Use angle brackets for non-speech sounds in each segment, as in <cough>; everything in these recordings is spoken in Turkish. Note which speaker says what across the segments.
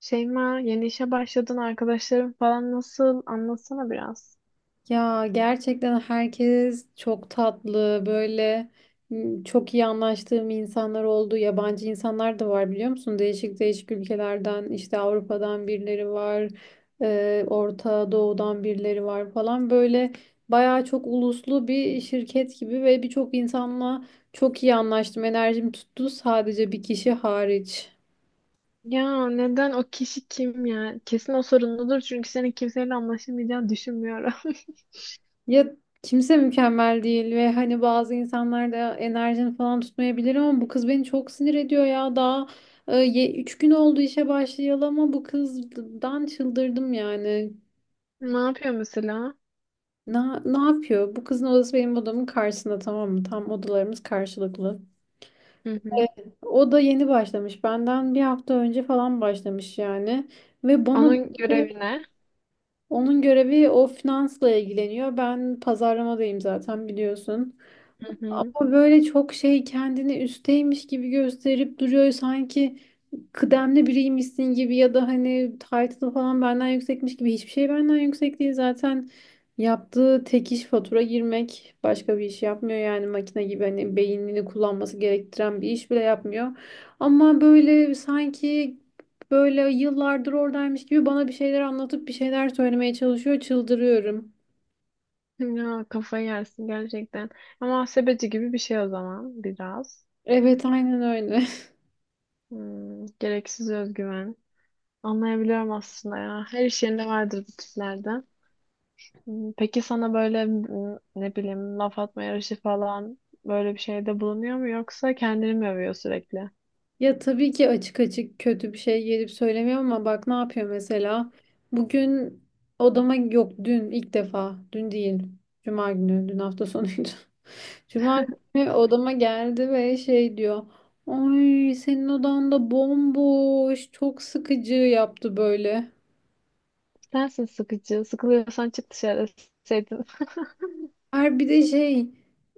Speaker 1: Şeyma, yeni işe başladın arkadaşların falan nasıl? Anlatsana biraz.
Speaker 2: Ya gerçekten herkes çok tatlı böyle çok iyi anlaştığım insanlar oldu. Yabancı insanlar da var biliyor musun? Değişik değişik ülkelerden işte Avrupa'dan birileri var. Orta Doğu'dan birileri var falan. Böyle bayağı çok uluslu bir şirket gibi ve birçok insanla çok iyi anlaştım. Enerjim tuttu sadece bir kişi hariç.
Speaker 1: Ya neden o kişi kim ya? Kesin o sorunludur çünkü senin kimseyle anlaşamayacağını düşünmüyorum. <laughs>
Speaker 2: Ya kimse mükemmel değil ve hani bazı insanlar da enerjini falan tutmayabilir ama bu kız beni çok sinir ediyor ya. Daha 3 gün oldu işe başlayalı ama bu kızdan çıldırdım yani.
Speaker 1: Ne yapıyor mesela?
Speaker 2: Ne, ne yapıyor? Bu kızın odası benim odamın karşısında, tamam mı? Tam odalarımız karşılıklı.
Speaker 1: Hı hı.
Speaker 2: Evet. O da yeni başlamış. Benden bir hafta önce falan başlamış yani. Ve bana
Speaker 1: Onun görevi ne?
Speaker 2: Onun görevi o, finansla ilgileniyor. Ben pazarlamadayım zaten, biliyorsun.
Speaker 1: Hı hı.
Speaker 2: O böyle çok şey, kendini üsteymiş gibi gösterip duruyor, sanki kıdemli biriymişsin gibi ya da hani title'ı falan benden yüksekmiş gibi. Hiçbir şey benden yüksek değil zaten. Yaptığı tek iş fatura girmek, başka bir iş yapmıyor yani. Makine gibi, hani beynini kullanması gerektiren bir iş bile yapmıyor ama böyle sanki böyle yıllardır oradaymış gibi bana bir şeyler anlatıp bir şeyler söylemeye çalışıyor, çıldırıyorum.
Speaker 1: Ya kafayı yersin gerçekten. Ama muhasebeci gibi bir şey o zaman biraz.
Speaker 2: Evet, aynen öyle.
Speaker 1: Gereksiz özgüven. Anlayabiliyorum aslında ya. Her iş yerinde vardır bu tiplerde. Peki sana böyle ne bileyim laf atma yarışı falan böyle bir şeyde bulunuyor mu yoksa kendini mi övüyor sürekli?
Speaker 2: Ya tabii ki açık açık kötü bir şey gelip söylemiyor ama bak ne yapıyor mesela. Bugün odama, yok dün, ilk defa dün değil. Cuma günü, dün hafta sonuydu. <laughs> Cuma günü odama geldi ve şey diyor. Ay senin odan da bomboş, çok sıkıcı, yaptı böyle.
Speaker 1: Sensin sıkıcı. Sıkılıyorsan çık dışarı deseydin. <laughs>
Speaker 2: Bir de şey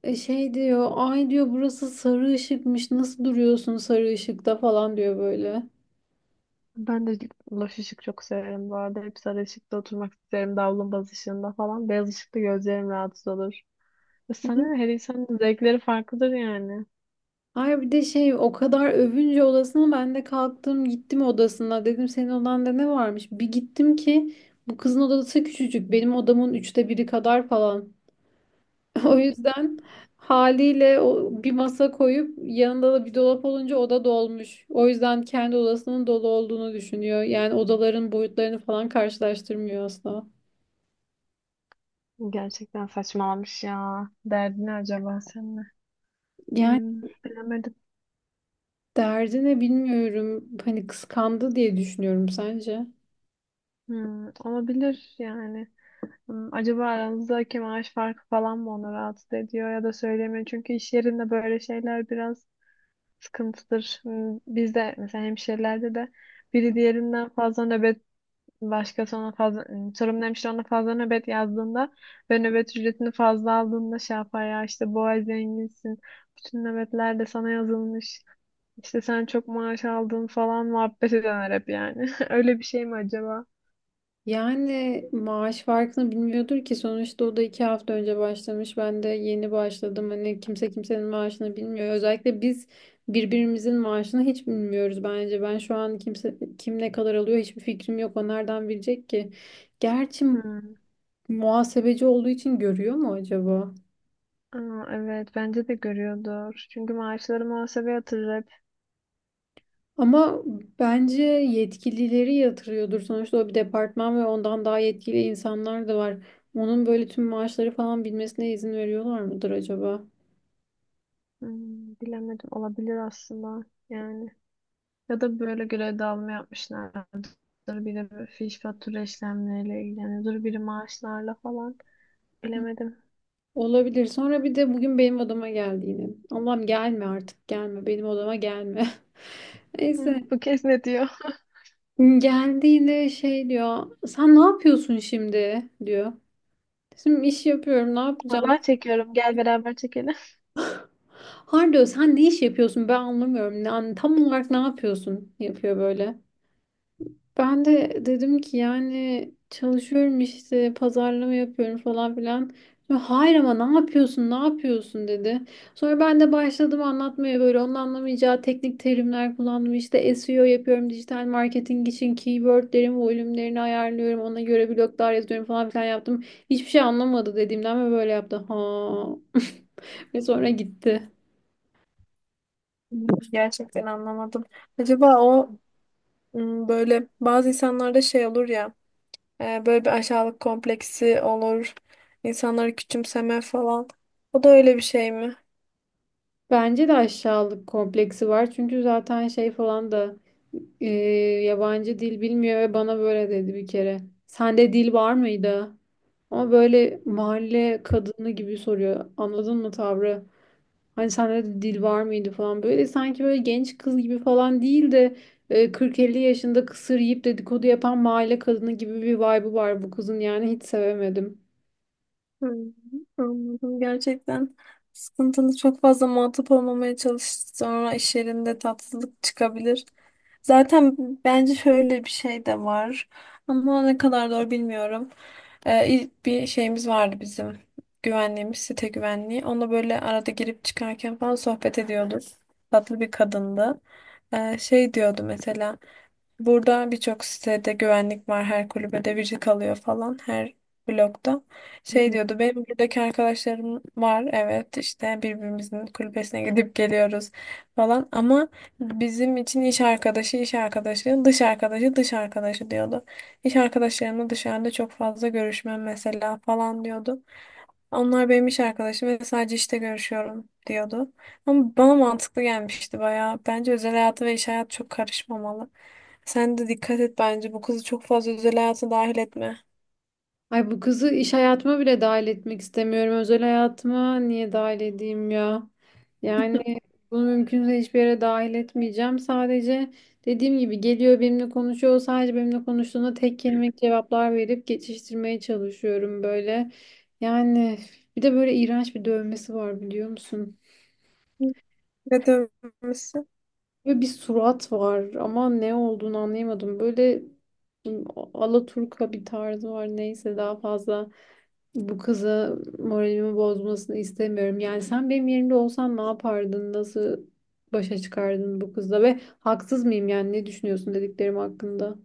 Speaker 2: e, şey diyor, ay diyor burası sarı ışıkmış, nasıl duruyorsun sarı ışıkta falan diyor böyle.
Speaker 1: Ben de loş ışık çok severim bu arada. Hep sarı ışıkta oturmak isterim. Davlumbaz ışığında falan. Beyaz ışıkta gözlerim rahatsız olur. E sana ne? Her insanın zevkleri farklıdır yani.
Speaker 2: Hayır bir de şey, o kadar övünce odasına, ben de kalktım gittim odasına, dedim senin odanda ne varmış? Bir gittim ki bu kızın odası küçücük, benim odamın üçte biri kadar falan. <laughs> O yüzden haliyle o, bir masa koyup yanında da bir dolap olunca oda dolmuş. O yüzden kendi odasının dolu olduğunu düşünüyor. Yani odaların boyutlarını falan karşılaştırmıyor asla.
Speaker 1: Gerçekten saçmalamış ya. Derdi ne acaba senin?
Speaker 2: Yani
Speaker 1: Hmm, Bilemedim.
Speaker 2: derdi ne bilmiyorum. Hani kıskandı diye düşünüyorum, sence?
Speaker 1: Olabilir yani. Acaba aranızdaki maaş farkı falan mı onu rahatsız ediyor ya da söylemiyor. Çünkü iş yerinde böyle şeyler biraz sıkıntıdır. Bizde mesela hemşirelerde de biri diğerinden fazla nöbet başkası ona fazla, sorumlu hemşire ona fazla nöbet yazdığında ve nöbet ücretini fazla aldığında şey yapar ya, işte bu ay zenginsin. Bütün nöbetler de sana yazılmış. İşte sen çok maaş aldın falan muhabbet eder hep yani. <laughs> Öyle bir şey mi acaba?
Speaker 2: Yani maaş farkını bilmiyordur ki, sonuçta o da iki hafta önce başlamış, ben de yeni başladım. Hani kimse kimsenin maaşını bilmiyor, özellikle biz birbirimizin maaşını hiç bilmiyoruz bence. Ben şu an kimse, kim ne kadar alıyor hiçbir fikrim yok, o nereden bilecek ki? Gerçi
Speaker 1: Hmm.
Speaker 2: muhasebeci olduğu için görüyor mu acaba?
Speaker 1: Aa, evet bence de görüyordur. Çünkü maaşları muhasebe yatırır hep.
Speaker 2: Ama bence yetkilileri yatırıyordur, sonuçta o bir departman ve ondan daha yetkili insanlar da var. Onun böyle tüm maaşları falan bilmesine izin veriyorlar mıdır acaba?
Speaker 1: Hmm, Bilemedim, olabilir aslında yani. Ya da böyle görev dağılımı yapmışlardır. Biri böyle fiş fatura işlemleriyle ilgileniyordur. Biri maaşlarla falan. Bilemedim.
Speaker 2: Olabilir. Sonra bir de bugün benim odama geldi yine. Allah'ım, gelme artık, gelme. Benim odama gelme. <laughs> Neyse.
Speaker 1: Bu kez ne diyor?
Speaker 2: Geldi yine, şey diyor. Sen ne yapıyorsun şimdi, diyor. Şimdi iş yapıyorum, ne yapacağım?
Speaker 1: Vallahi çekiyorum. Gel beraber çekelim.
Speaker 2: Har sen ne iş yapıyorsun, ben anlamıyorum. Yani tam olarak ne yapıyorsun? Yapıyor böyle. Ben de dedim ki, yani çalışıyorum işte, pazarlama yapıyorum falan filan. Sonra, hayır ama ne yapıyorsun, ne yapıyorsun, dedi. Sonra ben de başladım anlatmaya, böyle onun anlamayacağı teknik terimler kullandım. İşte SEO yapıyorum, dijital marketing için keywordlerimi, volümlerini ayarlıyorum, ona göre bloglar yazıyorum falan filan yaptım. Hiçbir şey anlamadı dediğimden ve böyle yaptı, ha. <laughs> Ve sonra gitti.
Speaker 1: Gerçekten anlamadım. Acaba o, böyle bazı insanlarda şey olur ya, böyle bir aşağılık kompleksi olur. İnsanları küçümseme falan. O da öyle bir şey mi?
Speaker 2: Bence de aşağılık kompleksi var. Çünkü zaten şey falan da e, yabancı dil bilmiyor ve bana böyle dedi bir kere. Sende dil var mıydı? Ama böyle mahalle kadını gibi soruyor. Anladın mı tavrı? Hani sende de dil var mıydı falan. Böyle sanki böyle genç kız gibi falan değil de, e, 40-50 yaşında kısır yiyip dedikodu yapan mahalle kadını gibi bir vibe'ı var bu kızın. Yani hiç sevemedim.
Speaker 1: Hmm, Anladım. Gerçekten sıkıntılı, çok fazla muhatap olmamaya çalış. Sonra iş yerinde tatsızlık çıkabilir. Zaten bence şöyle bir şey de var. Ama ne kadar doğru bilmiyorum. İlk bir şeyimiz vardı bizim. Güvenliğimiz, site güvenliği. Onunla böyle arada girip çıkarken falan sohbet ediyorduk. Tatlı bir kadındı. Şey diyordu mesela. Burada birçok sitede güvenlik var. Her kulübede biri kalıyor falan. Her blokta. Şey diyordu, benim buradaki arkadaşlarım var, evet işte birbirimizin kulübesine gidip geliyoruz falan, ama bizim için iş arkadaşı iş arkadaşı, dış arkadaşı dış arkadaşı, diyordu. İş arkadaşlarımla dışarıda çok fazla görüşmem mesela falan diyordu. Onlar benim iş arkadaşım ve sadece işte görüşüyorum diyordu. Ama bana mantıklı gelmişti bayağı. Bence özel hayatı ve iş hayatı çok karışmamalı. Sen de dikkat et, bence bu kızı çok fazla özel hayata dahil etme.
Speaker 2: Ay bu kızı iş hayatıma bile dahil etmek istemiyorum. Özel hayatıma niye dahil edeyim ya? Yani
Speaker 1: <laughs>
Speaker 2: bunu mümkünse hiçbir yere dahil etmeyeceğim. Sadece dediğim gibi, geliyor benimle konuşuyor. Sadece benimle konuştuğunda tek kelimelik cevaplar verip geçiştirmeye çalışıyorum böyle. Yani bir de böyle iğrenç bir dövmesi var, biliyor musun?
Speaker 1: Ne dönmüşsün?
Speaker 2: Böyle bir surat var ama ne olduğunu anlayamadım. Böyle alaturka bir tarzı var. Neyse, daha fazla bu kıza moralimi bozmasını istemiyorum. Yani sen benim yerimde olsan ne yapardın? Nasıl başa çıkardın bu kızla? Ve haksız mıyım, yani ne düşünüyorsun dediklerim hakkında?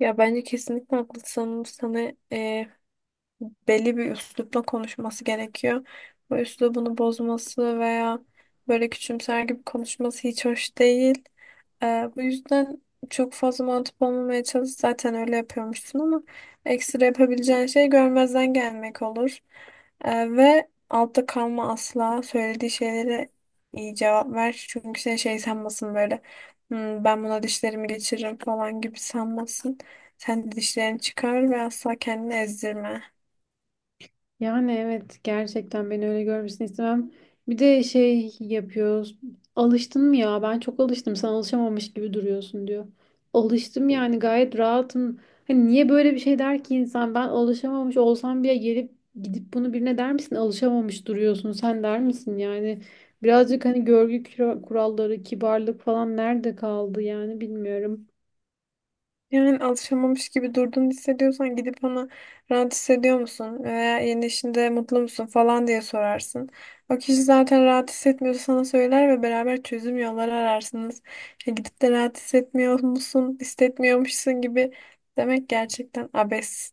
Speaker 1: Ya bence kesinlikle haklısın. Sana belli bir üslupla konuşması gerekiyor. Bu üslubunu bozması veya böyle küçümser gibi konuşması hiç hoş değil. Bu yüzden çok fazla mantıp olmamaya çalış. Zaten öyle yapıyormuşsun, ama ekstra yapabileceğin şey görmezden gelmek olur. Ve altta kalma asla. Söylediği şeylere iyi cevap ver. Çünkü seni şey sanmasın böyle. Ben buna dişlerimi geçiririm" falan gibi sanmasın. Sen de dişlerini çıkar ve asla kendini ezdirme.
Speaker 2: Yani evet, gerçekten beni öyle görmesini istemem. Bir de şey yapıyoruz. Alıştın mı ya? Ben çok alıştım. Sen alışamamış gibi duruyorsun, diyor. Alıştım yani, gayet rahatım. Hani niye böyle bir şey der ki insan? Ben alışamamış olsam bile gelip gidip bunu birine der misin? Alışamamış duruyorsun. Sen der misin yani? Birazcık hani görgü kuralları, kibarlık falan nerede kaldı yani, bilmiyorum.
Speaker 1: Yani alışamamış gibi durduğunu hissediyorsan gidip ona, rahat hissediyor musun veya yeni işinde mutlu musun falan diye sorarsın. O kişi zaten rahat hissetmiyorsa sana söyler ve beraber çözüm yolları ararsınız. Ya gidip de rahat hissetmiyor musun, hissetmiyormuşsun gibi demek gerçekten abes.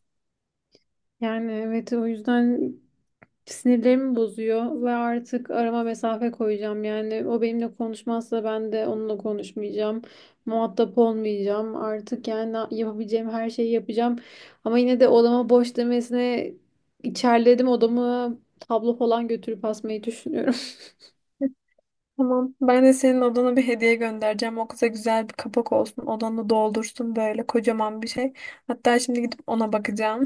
Speaker 2: Yani evet, o yüzden sinirlerimi bozuyor ve artık arama mesafe koyacağım. Yani o benimle konuşmazsa ben de onunla konuşmayacağım. Muhatap olmayacağım. Artık yani yapabileceğim her şeyi yapacağım. Ama yine de odama boş demesine içerledim. Odamı tablo falan götürüp asmayı düşünüyorum. <laughs>
Speaker 1: <laughs> Tamam. Ben de senin odana bir hediye göndereceğim. O kıza güzel bir kapak olsun. Odanı doldursun böyle kocaman bir şey. Hatta şimdi gidip ona bakacağım.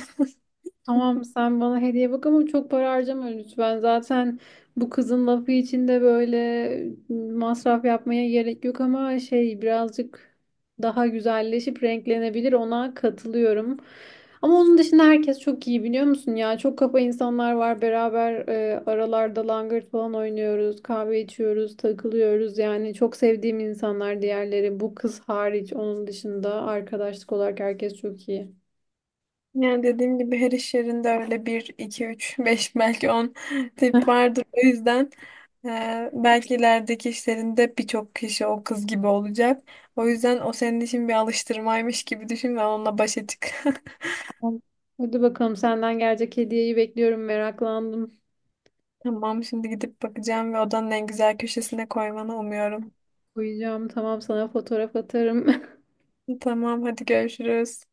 Speaker 1: <laughs>
Speaker 2: Tamam, sen bana hediye bak ama çok para harcama lütfen. Zaten bu kızın lafı için de böyle masraf yapmaya gerek yok ama şey, birazcık daha güzelleşip renklenebilir, ona katılıyorum. Ama onun dışında herkes çok iyi, biliyor musun ya? Çok kafa insanlar var, beraber aralarda langırt falan oynuyoruz, kahve içiyoruz, takılıyoruz. Yani çok sevdiğim insanlar diğerleri, bu kız hariç. Onun dışında arkadaşlık olarak herkes çok iyi.
Speaker 1: Yani dediğim gibi her iş yerinde öyle bir 2 3 <laughs> 5 belki 10 tip vardır. O yüzden belki ilerideki işlerinde birçok kişi o kız gibi olacak. O yüzden o senin için bir alıştırmaymış gibi düşün ve onunla başa çık. <laughs>
Speaker 2: Tamam. Hadi bakalım, senden gelecek hediyeyi bekliyorum. Meraklandım.
Speaker 1: Tamam, şimdi gidip bakacağım ve odanın en güzel köşesine koymanı umuyorum.
Speaker 2: Uyuyacağım. Tamam, sana fotoğraf atarım. <laughs>
Speaker 1: Tamam, hadi görüşürüz.